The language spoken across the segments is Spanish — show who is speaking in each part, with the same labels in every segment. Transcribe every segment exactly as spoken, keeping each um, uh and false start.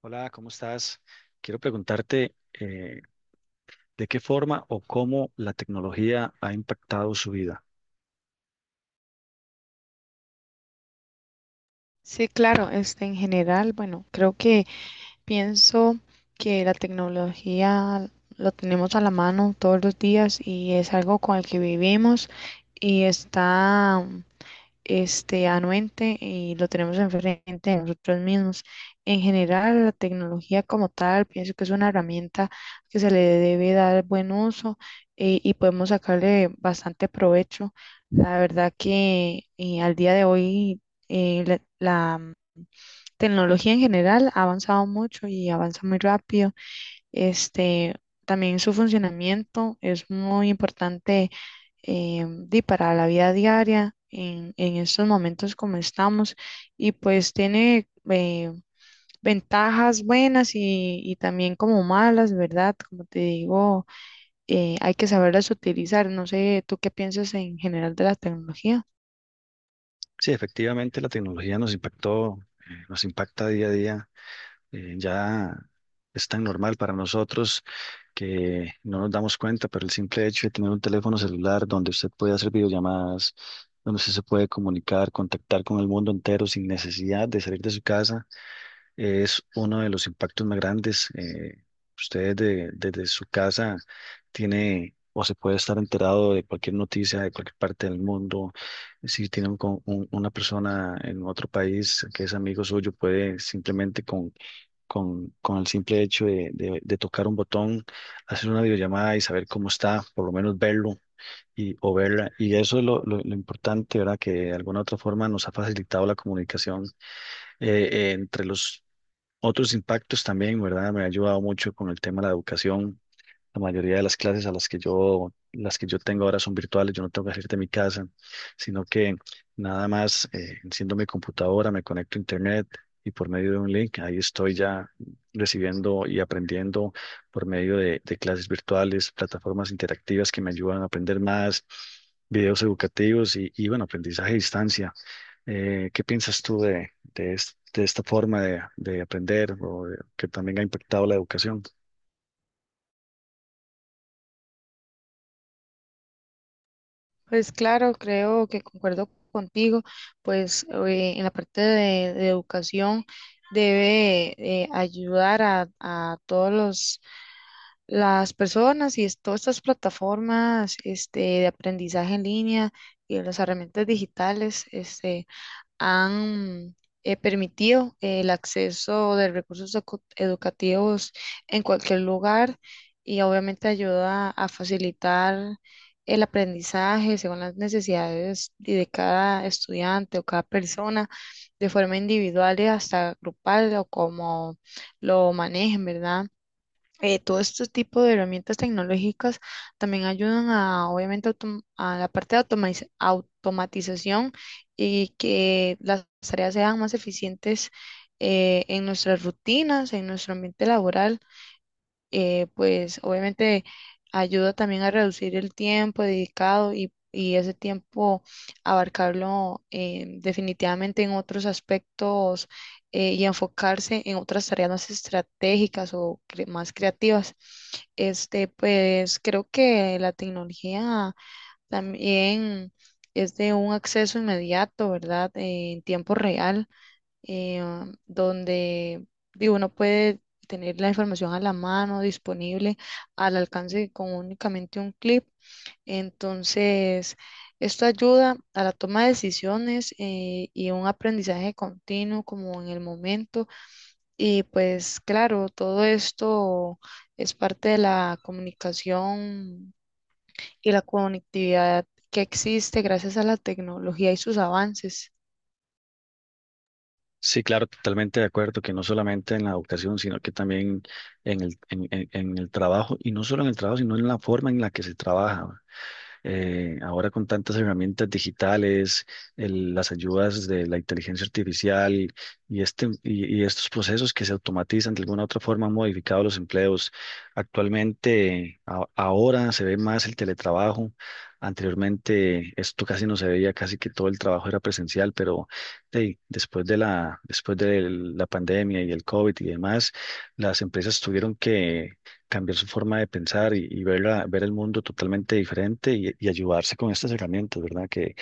Speaker 1: Hola, ¿cómo estás? Quiero preguntarte eh, de qué forma o cómo la tecnología ha impactado su vida.
Speaker 2: Sí, claro, este, en general, bueno, creo que pienso que la tecnología lo tenemos a la mano todos los días y es algo con el que vivimos y está este, anuente y lo tenemos enfrente de nosotros mismos. En general, la tecnología como tal, pienso que es una herramienta que se le debe dar buen uso, eh, y podemos sacarle bastante provecho. La verdad que, eh, al día de hoy, eh, la, la tecnología en general ha avanzado mucho y avanza muy rápido. Este, también su funcionamiento es muy importante, eh, di, para la vida diaria en, en estos momentos como estamos, y pues tiene eh, ventajas buenas y, y también como malas, ¿verdad? Como te digo, eh, hay que saberlas utilizar. No sé, ¿tú qué piensas en general de la tecnología?
Speaker 1: Sí, efectivamente la tecnología nos impactó, eh, nos impacta día a día. Eh, ya es tan normal para nosotros que no nos damos cuenta, pero el simple hecho de tener un teléfono celular donde usted puede hacer videollamadas, donde usted se puede comunicar, contactar con el mundo entero sin necesidad de salir de su casa es uno de los impactos más grandes. Eh, usted de- desde su casa tiene o se puede estar enterado de cualquier noticia de cualquier parte del mundo. Si tiene un con- un- una persona en otro país que es amigo suyo, puede simplemente con, con, con el simple hecho de, de- de tocar un botón, hacer una videollamada y saber cómo está, por lo menos verlo. Y, o verla, y eso es lo, lo lo importante, ¿verdad? Que de alguna otra forma nos ha facilitado la comunicación. Eh, eh, entre los otros impactos también, ¿verdad? Me ha ayudado mucho con el tema de la educación. La mayoría de las clases a las que yo, las que yo tengo ahora son virtuales, yo no tengo que salir de mi casa, sino que nada más eh, enciendo mi computadora, me conecto a internet y por medio de un link, ahí estoy ya recibiendo y aprendiendo por medio de, de clases virtuales, plataformas interactivas que me ayudan a aprender más, videos educativos y, y bueno, aprendizaje a distancia. Eh, ¿qué piensas tú de, de, es- de esta forma de, de aprender o de- que también ha impactado la educación?
Speaker 2: Pues claro, creo que concuerdo contigo, pues eh, en la parte de, de educación debe eh, ayudar a, a todos los las personas y es- todas estas plataformas este, de aprendizaje en línea y las herramientas digitales. Este, han eh, permitido eh, el acceso de recursos ecu- educativos en cualquier lugar y obviamente ayuda a facilitar el aprendizaje según las necesidades y de cada estudiante o cada persona de forma individual y hasta grupal o como lo manejen, ¿verdad? Eh, todo este tipo de herramientas tecnológicas también ayudan a, obviamente, autom- a la parte de automatiz- automatización, y que las tareas sean más eficientes eh, en nuestras rutinas, en nuestro ambiente laboral. Eh, pues obviamente ayuda también a reducir el tiempo dedicado, y, y ese tiempo abarcarlo eh, definitivamente en otros aspectos, eh, y enfocarse en otras tareas más estratégicas o cre- más creativas. Este, pues creo que la tecnología también es de un acceso inmediato, ¿verdad? Eh, en tiempo real, eh, donde, digo, uno puede tener la información a la mano, disponible, al alcance con únicamente un clip. Entonces, esto ayuda a la toma de decisiones, eh, y un aprendizaje continuo como en el momento. Y pues claro, todo esto es parte de la comunicación y la conectividad que existe gracias a la tecnología y sus avances.
Speaker 1: Sí, claro, totalmente de acuerdo, que no solamente en la educación, sino que también en el, en, en- en el trabajo, y no solo en el trabajo, sino en la forma en la que se trabaja. Eh, ahora con tantas herramientas digitales, el- las ayudas de la inteligencia artificial y, este, y, y estos procesos que se automatizan de alguna u otra forma han modificado los empleos. Actualmente, a- ahora se ve más el teletrabajo. Anteriormente esto casi no se veía, casi que todo el trabajo era presencial, pero hey, después de la, después de la pandemia y el COVID y demás, las empresas tuvieron que cambiar su forma de pensar y, y ver, la- ver el mundo totalmente diferente y, y ayudarse con estas herramientas, ¿verdad? Que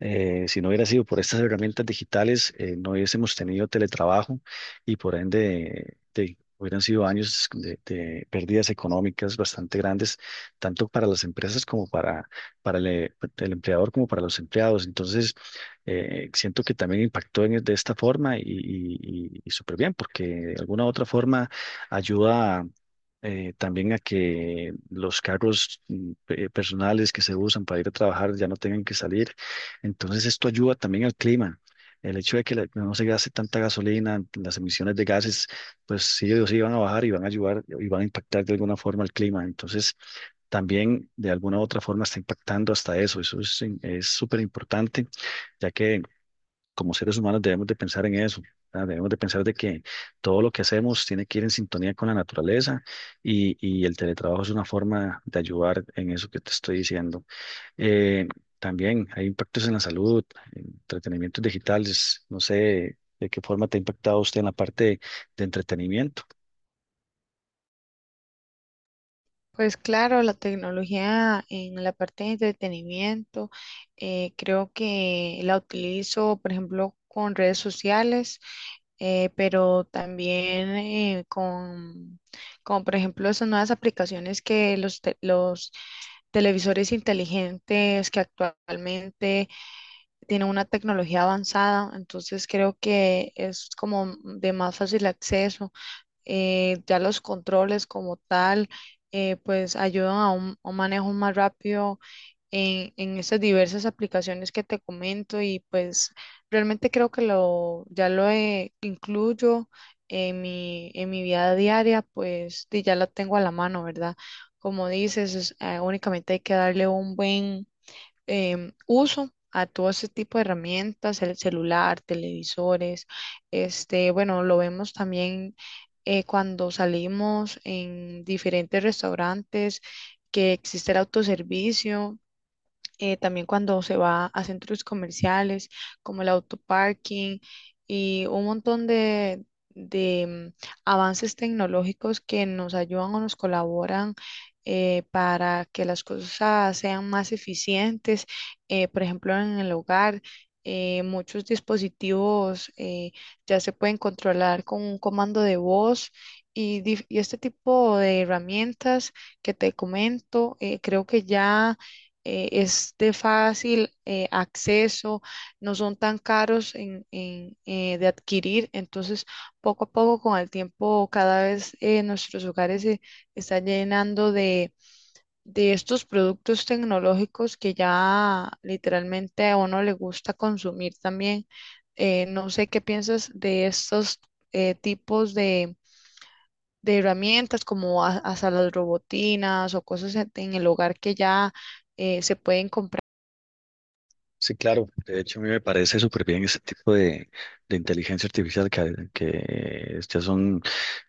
Speaker 1: eh, si no hubiera sido por estas herramientas digitales, eh, no hubiésemos tenido teletrabajo y por ende de- hubieran sido años de, de pérdidas económicas bastante grandes, tanto para las empresas como para, para el, eh, el empleador como para los empleados. Entonces, eh, siento que también impactó en- de esta forma y, y, y- y súper bien, porque de alguna u otra forma ayuda a, eh, también a que los carros mm, pe- personales que se usan para ir a trabajar ya no tengan que salir. Entonces esto ayuda también al clima. El hecho de que la- no se gaste tanta gasolina, las emisiones de gases, pues sí o sí van a bajar y van a ayudar y van a impactar de alguna forma al clima. Entonces también de alguna u otra forma está impactando hasta eso. Eso es es súper importante ya que como seres humanos debemos de pensar en eso, ¿verdad? Debemos de pensar de que todo lo que hacemos tiene que ir en sintonía con la naturaleza y, y el teletrabajo es una forma de ayudar en eso que te estoy diciendo. Eh, También hay impactos en la salud, en entretenimientos digitales, no sé de qué forma te ha impactado usted en la parte de entretenimiento.
Speaker 2: Pues claro, la tecnología en la parte de entretenimiento, eh, creo que la utilizo, por ejemplo, con redes sociales, eh, pero también eh, con, como por ejemplo, esas nuevas aplicaciones que los, te- los televisores inteligentes que actualmente tienen una tecnología avanzada, entonces creo que es como de más fácil acceso. Eh, ya los controles como tal, eh, pues ayudan a un, a un manejo más rápido en, en estas diversas aplicaciones que te comento, y pues realmente creo que lo, ya lo eh, incluyo en mi, en mi vida diaria, pues y ya la tengo a la mano, ¿verdad? Como dices, es, eh, únicamente hay que darle un buen em, uso a todo ese tipo de herramientas, el celular, televisores. Este, bueno, lo vemos también eh, cuando salimos en diferentes restaurantes que existe el autoservicio, eh, también cuando se va a centros comerciales como el autoparking, y un montón de, de mm, avances tecnológicos que nos ayudan o nos colaboran eh, para que las cosas sean más eficientes, eh, por ejemplo, en el hogar. Eh, muchos dispositivos eh, ya se pueden controlar con un comando de voz, y, dif- y este tipo de herramientas que te comento, eh, creo que ya eh, es de fácil eh, acceso, no son tan caros en, en, eh, de adquirir. Entonces, poco a poco, con el tiempo, cada vez eh, nuestros hogares se están llenando de, de estos productos tecnológicos que ya literalmente a uno le gusta consumir también. Eh, no sé qué piensas de estos eh, tipos de... de herramientas como a- hasta las robotinas o cosas en en el hogar que ya eh, se pueden comprar.
Speaker 1: Sí, claro. De hecho, a mí me parece súper bien este tipo de, de inteligencia artificial que, que ya son,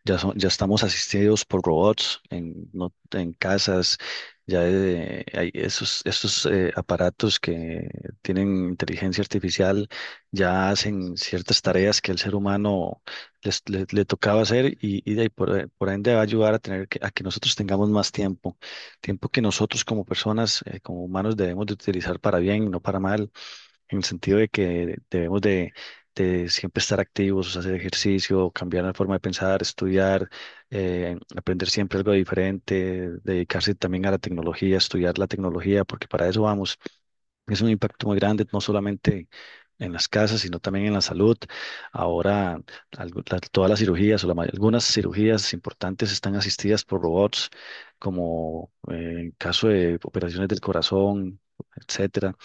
Speaker 1: ya son, ya estamos asistidos por robots en, no- en casas, ya eh, hay esos, esos eh, aparatos que tienen inteligencia artificial, ya hacen ciertas tareas que el ser humano les- le, le tocaba hacer y, y de ahí por, por ende va a ayudar a tener que, a que nosotros tengamos más tiempo tiempo que nosotros como personas, eh, como humanos, debemos de utilizar para bien, no para mal en el sentido de que debemos de, de siempre estar activos, hacer ejercicio, cambiar la forma de pensar, estudiar, eh, aprender siempre algo diferente, dedicarse también a la tecnología, estudiar la tecnología, porque para eso vamos. Es un impacto muy grande, no solamente en las casas, sino también en la salud. Ahora, algo- la- todas las cirugías o la may- algunas cirugías importantes están asistidas por robots, como eh, en caso de operaciones del corazón, etcétera.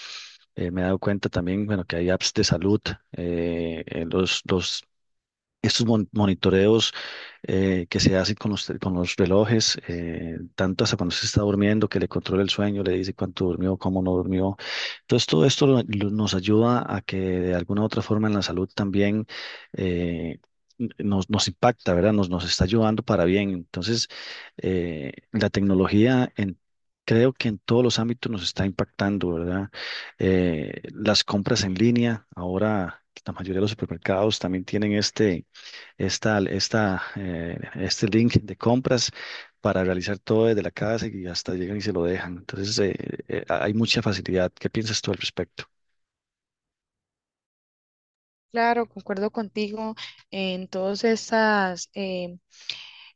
Speaker 1: Eh, me he dado cuenta también, bueno, que hay apps de salud, eh, eh, los, los estos mon- monitoreos eh, que se hacen con los, tel- con los relojes, eh, tanto hasta cuando se está durmiendo, que le controla el sueño, le dice cuánto durmió, cómo no durmió. Entonces, todo esto lo- lo- nos ayuda a que de alguna u otra forma en la salud también eh, n- nos, nos impacta, ¿verdad? Nos, nos está ayudando para bien. Entonces, eh, la tecnología en... Creo que en todos los ámbitos nos está impactando, ¿verdad? Eh, las compras en línea, ahora la mayoría de los supermercados también tienen este, esta, esta, eh, este link de compras para realizar todo desde la casa y hasta llegan y se lo dejan. Entonces, eh, eh, hay mucha facilidad. ¿Qué piensas tú al respecto?
Speaker 2: Claro, concuerdo contigo en todos estos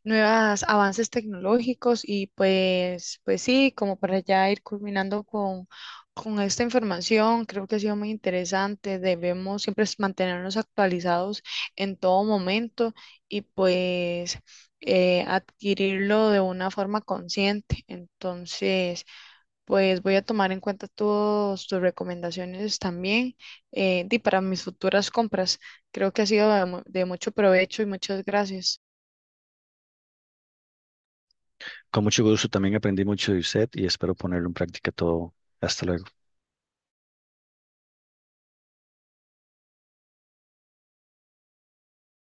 Speaker 2: nuevos avances tecnológicos, y pues, pues sí, como para ya ir culminando con, con esta información, creo que ha sido muy interesante. Debemos siempre es mantenernos actualizados en todo momento, y pues eh, adquirirlo de una forma consciente. Entonces, pues voy a tomar en cuenta todas tus recomendaciones también, eh, y para mis futuras compras. Creo que ha sido de mu- de mucho provecho y muchas gracias.
Speaker 1: Con mucho gusto, también aprendí mucho de usted y espero ponerlo en práctica todo. Hasta luego.